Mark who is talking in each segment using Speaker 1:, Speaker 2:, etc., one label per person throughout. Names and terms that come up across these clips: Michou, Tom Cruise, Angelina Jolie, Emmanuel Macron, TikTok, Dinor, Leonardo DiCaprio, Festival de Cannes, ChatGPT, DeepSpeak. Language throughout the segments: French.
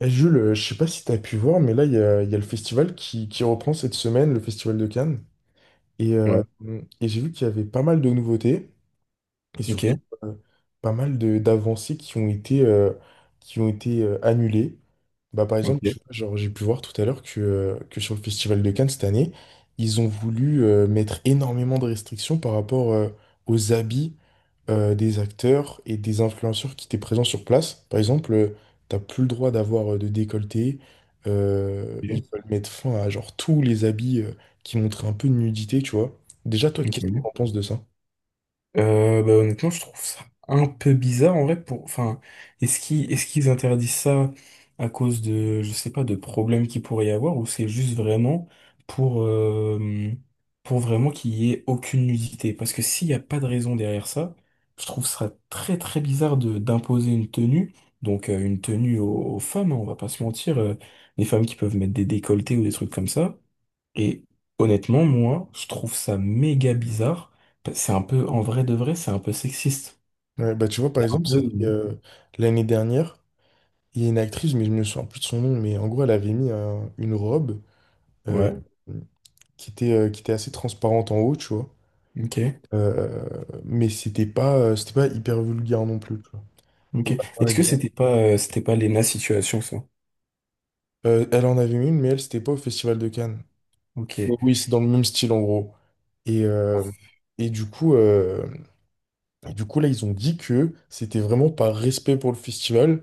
Speaker 1: Eh, Jules, je sais pas si tu as pu voir, mais là, il y a le festival qui reprend cette semaine, le festival de Cannes. Et, euh,
Speaker 2: Ouais,
Speaker 1: et j'ai vu qu'il y avait pas mal de nouveautés et
Speaker 2: ok,
Speaker 1: surtout pas mal de d'avancées qui ont été annulées. Bah, par exemple,
Speaker 2: ok,
Speaker 1: tu vois, genre, j'ai pu voir tout à l'heure que sur le Festival de Cannes cette année, ils ont voulu mettre énormément de restrictions par rapport aux habits des acteurs et des influenceurs qui étaient présents sur place. Par exemple, t'as plus le droit d'avoir de décolleté. Ils
Speaker 2: ok,
Speaker 1: veulent mettre fin à genre tous les habits qui montraient un peu de nudité, tu vois. Déjà, toi, qu'est-ce que
Speaker 2: ok.
Speaker 1: t'en penses de ça?
Speaker 2: Bah, honnêtement, je trouve ça un peu bizarre en vrai pour. Enfin, est-ce qu'ils interdisent ça à cause de, je sais pas, de problèmes qu'il pourrait y avoir, ou c'est juste vraiment pour euh, pour vraiment qu'il y ait aucune nudité? Parce que s'il n'y a pas de raison derrière ça, je trouve ça très très bizarre de d'imposer une tenue, une tenue aux, aux femmes, hein, on va pas se mentir, les femmes qui peuvent mettre des décolletés ou des trucs comme ça. Et honnêtement, moi, je trouve ça méga bizarre. C'est un peu, en vrai de vrai, c'est un peu sexiste.
Speaker 1: Ouais, bah, tu vois, par
Speaker 2: C'est Un
Speaker 1: exemple,
Speaker 2: peu...
Speaker 1: c'était l'année dernière, il y a une actrice, mais je me souviens plus de son nom, mais en gros, elle avait mis une robe euh,
Speaker 2: Ouais,
Speaker 1: qui était assez transparente en haut, tu vois.
Speaker 2: ok,
Speaker 1: Euh, mais c'était pas hyper vulgaire non plus, tu vois. Et
Speaker 2: ok.
Speaker 1: bah, par
Speaker 2: Est-ce que
Speaker 1: exemple,
Speaker 2: c'était pas l'ENA situation, ça?
Speaker 1: elle en avait mis une, mais elle, c'était pas au Festival de Cannes.
Speaker 2: Ok.
Speaker 1: Mais oui, c'est dans le même style, en gros. Et,
Speaker 2: Ok,
Speaker 1: euh, et du coup, euh, et du coup, là, ils ont dit que c'était vraiment par respect pour le festival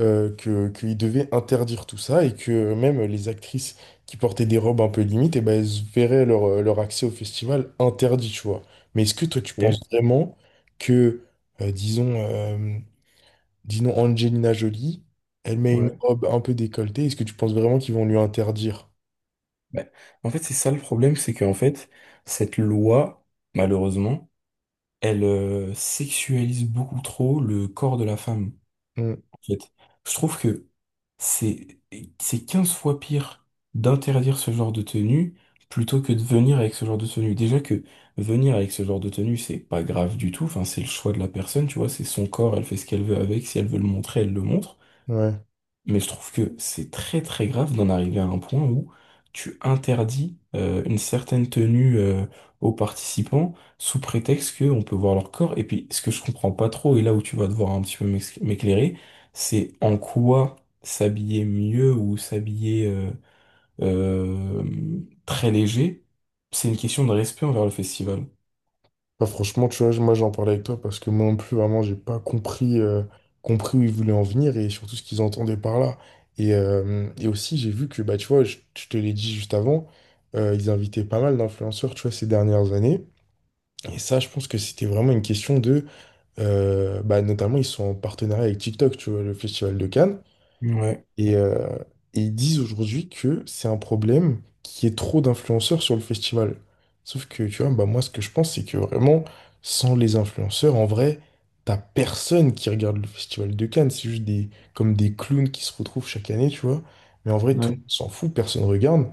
Speaker 1: que, qu'il devait interdire tout ça et que même les actrices qui portaient des robes un peu limites, et ben, elles verraient leur, leur accès au festival interdit, tu vois. Mais est-ce que toi, tu penses vraiment que, euh, disons, euh, disons Angelina Jolie, elle met une
Speaker 2: ouais.
Speaker 1: robe un peu décolletée, est-ce que tu penses vraiment qu'ils vont lui interdire?
Speaker 2: Bah, en fait, c'est ça le problème, c'est qu'en fait, cette loi, malheureusement, elle sexualise beaucoup trop le corps de la femme,
Speaker 1: Hmm,
Speaker 2: en fait. Je trouve que C'est, c'est 15 fois pire d'interdire ce genre de tenue plutôt que de venir avec ce genre de tenue. Déjà que venir avec ce genre de tenue, c'est pas grave du tout. Enfin, c'est le choix de la personne, tu vois, c'est son corps, elle fait ce qu'elle veut avec. Si elle veut le montrer, elle le montre.
Speaker 1: ouais.
Speaker 2: Mais je trouve que c'est très très grave d'en arriver à un point où tu interdis une certaine tenue aux participants sous prétexte qu'on peut voir leur corps. Et puis ce que je comprends pas trop, et là où tu vas devoir un petit peu m'éclairer, c'est en quoi s'habiller mieux ou s'habiller euh, très léger, c'est une question de respect envers le festival.
Speaker 1: Bah, franchement, tu vois, moi j'en parlais avec toi parce que moi non plus, vraiment, j'ai pas compris, compris où ils voulaient en venir et surtout ce qu'ils entendaient par là. Et aussi, j'ai vu que, bah, tu vois, je te l'ai dit juste avant, ils invitaient pas mal d'influenceurs, tu vois, ces dernières années. Et ça, je pense que c'était vraiment une question bah, notamment, ils sont en partenariat avec TikTok, tu vois, le Festival de Cannes.
Speaker 2: Ouais,
Speaker 1: Et, euh, et ils disent aujourd'hui que c'est un problème qu'il y ait trop d'influenceurs sur le festival. Sauf que, tu vois, bah moi, ce que je pense, c'est que vraiment, sans les influenceurs, en vrai, t'as personne qui regarde le festival de Cannes. C'est juste comme des clowns qui se retrouvent chaque année, tu vois. Mais en vrai, tout le
Speaker 2: ouais,
Speaker 1: monde s'en fout, personne regarde.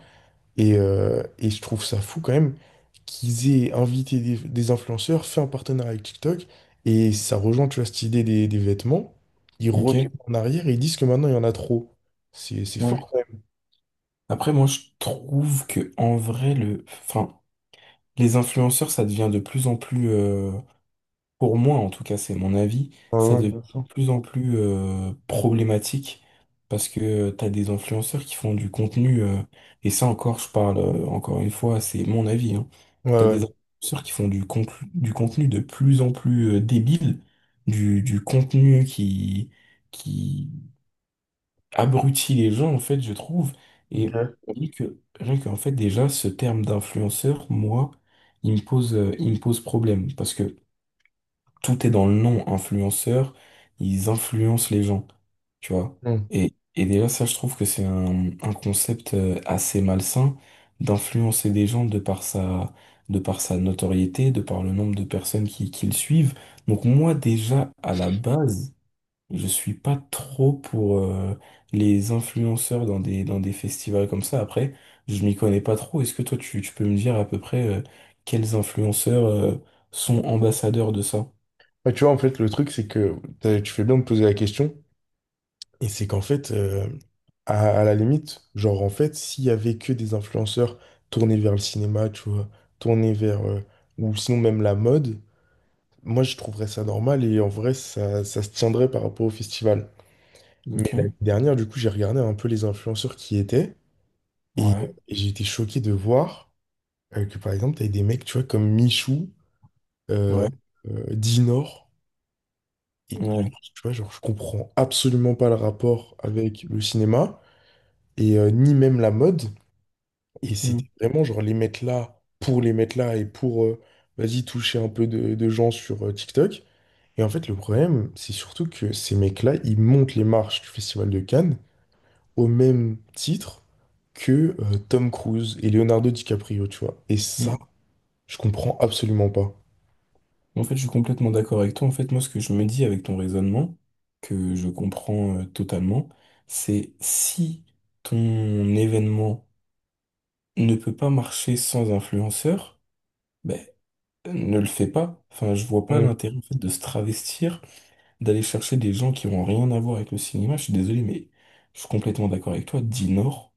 Speaker 1: Et je trouve ça fou quand même qu'ils aient invité des influenceurs, fait un partenariat avec TikTok, et ça rejoint, tu vois, cette idée des vêtements. Ils reviennent
Speaker 2: ok,
Speaker 1: en arrière et ils disent que maintenant, il y en a trop. C'est
Speaker 2: ouais.
Speaker 1: fort quand même.
Speaker 2: Après, moi, je trouve que en vrai, les influenceurs, ça devient de plus en plus, pour moi en tout cas, c'est mon avis,
Speaker 1: Ouais,
Speaker 2: ça
Speaker 1: ouais,
Speaker 2: devient
Speaker 1: bien
Speaker 2: de
Speaker 1: sûr.
Speaker 2: plus en plus problématique parce que tu as des influenceurs qui font du contenu, et ça encore, je parle encore une fois, c'est mon avis, hein.
Speaker 1: Ouais,
Speaker 2: Tu as
Speaker 1: ouais.
Speaker 2: des influenceurs qui font du contenu de plus en plus débile, du contenu qui abrutit les gens, en fait, je trouve.
Speaker 1: Ok.
Speaker 2: Et rien qu'en fait, déjà, ce terme d'influenceur, moi, il me pose problème. Parce que tout est dans le nom influenceur, ils influencent les gens, tu vois.
Speaker 1: Mm.
Speaker 2: Et déjà, ça, je trouve que c'est un concept assez malsain d'influencer des gens de par sa notoriété, de par le nombre de personnes qui le suivent. Donc moi, déjà, à la base, je suis pas trop pour les influenceurs dans des festivals comme ça. Après, je m'y connais pas trop. Est-ce que toi, tu peux me dire à peu près quels influenceurs sont ambassadeurs de ça?
Speaker 1: Ouais, tu vois, en fait, le truc, c'est que tu fais bien de poser la question, et c'est qu'en fait, à la limite, genre, en fait, s'il y avait que des influenceurs tournés vers le cinéma, tu vois, tournés vers, euh, ou sinon même la mode. Moi, je trouverais ça normal et en vrai, ça se tiendrait par rapport au festival. Mais l'année
Speaker 2: Ok.
Speaker 1: dernière, du coup, j'ai regardé un peu les influenceurs qui y étaient et, euh,
Speaker 2: Ouais,
Speaker 1: et j'ai été choqué de voir que, par exemple, t'avais des mecs, tu vois, comme Michou, euh,
Speaker 2: ouais,
Speaker 1: Dinor. Et
Speaker 2: ouais.
Speaker 1: tu vois, genre, je comprends absolument pas le rapport avec le cinéma et ni même la mode. Et
Speaker 2: Mm,
Speaker 1: c'était vraiment, genre, les mettre là pour les mettre là et pour, vas-y, toucher un peu de gens sur TikTok. Et en fait, le problème, c'est surtout que ces mecs-là, ils montent les marches du Festival de Cannes au même titre que Tom Cruise et Leonardo DiCaprio, tu vois. Et
Speaker 2: mm.
Speaker 1: ça, je comprends absolument pas.
Speaker 2: En fait, je suis complètement d'accord avec toi. En fait, moi, ce que je me dis avec ton raisonnement, que je comprends totalement, c'est si ton événement ne peut pas marcher sans influenceur, ne le fait pas. Enfin, je vois pas
Speaker 1: Mm,
Speaker 2: l'intérêt en fait de se travestir, d'aller chercher des gens qui ont rien à voir avec le cinéma. Je suis désolé, mais je suis complètement d'accord avec toi. Dinor.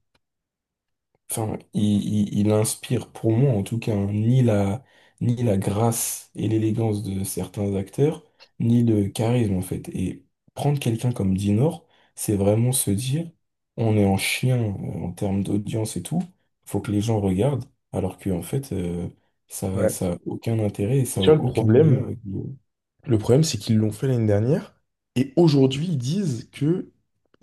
Speaker 2: Enfin, il inspire pour moi en tout cas hein, ni la grâce et l'élégance de certains acteurs, ni le charisme en fait. Et prendre quelqu'un comme Dinor, c'est vraiment se dire, on est en chien en termes d'audience et tout, faut que les gens regardent, alors que en fait, ça,
Speaker 1: ouais.
Speaker 2: ça a aucun intérêt et
Speaker 1: Et
Speaker 2: ça a
Speaker 1: tu vois, le
Speaker 2: aucun lien
Speaker 1: problème,
Speaker 2: avec le-
Speaker 1: le problème, c'est qu'ils l'ont fait l'année dernière et aujourd'hui, ils disent que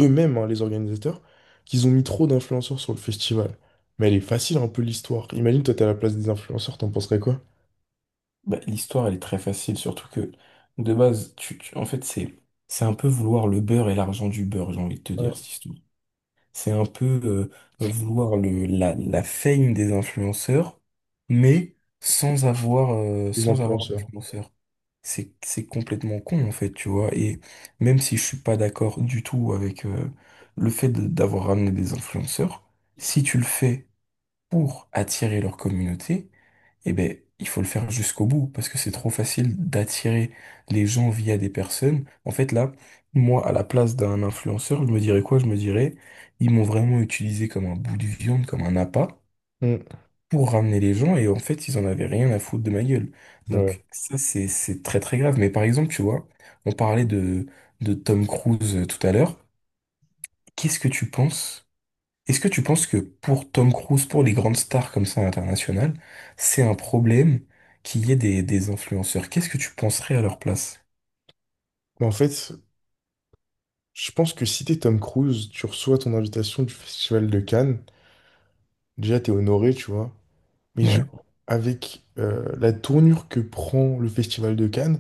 Speaker 1: eux-mêmes, hein, les organisateurs, qu'ils ont mis trop d'influenceurs sur le festival. Mais elle est facile un peu l'histoire. Imagine, toi, t'es à la place des influenceurs, t'en penserais quoi?
Speaker 2: Bah, l'histoire. Elle est très facile, surtout que de base, en fait, c'est un peu vouloir le beurre et l'argent du beurre, j'ai envie de te
Speaker 1: Ouais.
Speaker 2: dire, cette histoire. C'est un peu vouloir la fame des influenceurs, mais sans avoir,
Speaker 1: Les
Speaker 2: sans avoir
Speaker 1: influenceurs.
Speaker 2: d'influenceurs. C'est complètement con, en fait, tu vois. Et même si je suis pas d'accord du tout avec le fait d'avoir ramené des influenceurs, si tu le fais pour attirer leur communauté, eh ben, il faut le faire jusqu'au bout parce que c'est trop facile d'attirer les gens via des personnes. En fait, là, moi, à la place d'un influenceur, je me dirais quoi? Je me dirais, ils m'ont vraiment utilisé comme un bout de viande, comme un appât
Speaker 1: Mm,
Speaker 2: pour ramener les gens et en fait, ils en avaient rien à foutre de ma gueule.
Speaker 1: ouais.
Speaker 2: Donc, ça, c'est très très grave. Mais par exemple, tu vois, on parlait de Tom Cruise tout à l'heure. Qu'est-ce que tu penses? Est-ce que tu penses que pour Tom Cruise, pour les grandes stars comme ça internationales, c'est un problème qu'il y ait des influenceurs? Qu'est-ce que tu penserais à leur place?
Speaker 1: Mais en fait, je pense que si t'es Tom Cruise, tu reçois ton invitation du Festival de Cannes, déjà t'es honoré, tu vois. Mais
Speaker 2: Ouais.
Speaker 1: genre, avec la tournure que prend le Festival de Cannes,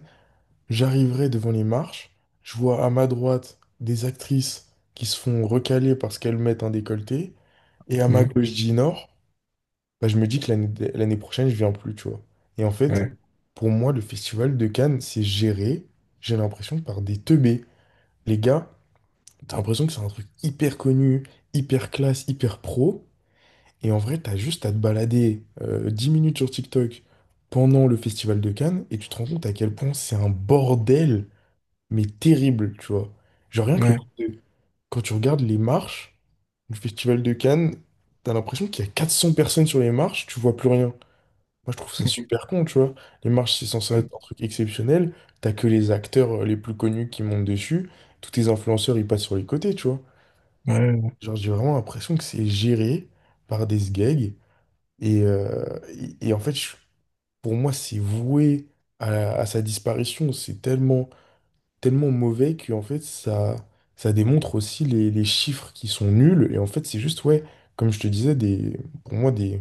Speaker 1: j'arriverai devant les marches, je vois à ma droite des actrices qui se font recaler parce qu'elles mettent un décolleté, et à ma
Speaker 2: Mhm.
Speaker 1: gauche d'Inor, bah, je me dis que l'année prochaine, je viens plus, tu vois. Et en fait,
Speaker 2: Ouais.
Speaker 1: pour moi, le Festival de Cannes, c'est géré, j'ai l'impression, par des teubés. Les gars, t'as l'impression que c'est un truc hyper connu, hyper classe, hyper pro. Et en vrai, t'as juste à te balader 10 minutes sur TikTok pendant le festival de Cannes et tu te rends compte à quel point c'est un bordel, mais terrible, tu vois. Genre rien que
Speaker 2: Ouais.
Speaker 1: le- quand tu regardes les marches du festival de Cannes, t'as l'impression qu'il y a 400 personnes sur les marches, tu vois plus rien. Moi, je trouve ça
Speaker 2: Mhm.
Speaker 1: super con, tu vois. Les marches, c'est censé être un truc exceptionnel. T'as que les acteurs les plus connus qui montent dessus. Tous tes influenceurs, ils passent sur les côtés, tu vois.
Speaker 2: Ouais.
Speaker 1: Genre, j'ai vraiment l'impression que c'est géré par des gags. Et, euh, et en fait, pour moi, c'est voué à sa disparition. C'est tellement, tellement mauvais que en fait, ça démontre aussi les chiffres qui sont nuls. Et en fait, c'est juste, ouais, comme je te disais, pour moi, des,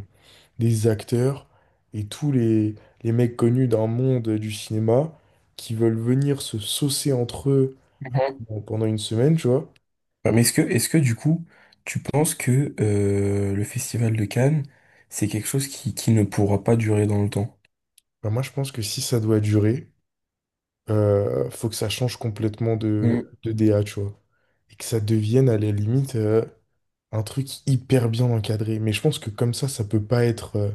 Speaker 1: des acteurs et tous les mecs connus d'un monde du cinéma qui veulent venir se saucer entre eux
Speaker 2: Mhm.
Speaker 1: pendant une semaine, tu vois.
Speaker 2: Ouais, mais est-ce que du coup, tu penses que le Festival de Cannes, c'est quelque chose qui ne pourra pas durer dans le temps?
Speaker 1: Bah, moi, je pense que si ça doit durer. Faut que ça change complètement de,
Speaker 2: Mhm.
Speaker 1: de DA, tu vois. Et que ça devienne à la limite un truc hyper bien encadré. Mais je pense que comme ça peut pas être, euh,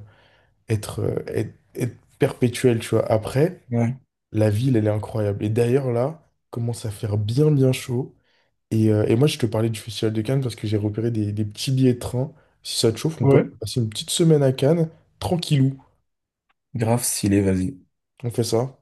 Speaker 1: être, euh, être, être perpétuel, tu vois. Après,
Speaker 2: Ouais.
Speaker 1: la ville, elle est incroyable. Et d'ailleurs, là, commence à faire bien, bien chaud. Et moi, je te parlais du Festival de Cannes parce que j'ai repéré des petits billets de train. Si ça te chauffe, on peut
Speaker 2: Ouais.
Speaker 1: aller passer une petite semaine à Cannes, tranquillou.
Speaker 2: Grave, s'il est, vas-y.
Speaker 1: On fait ça.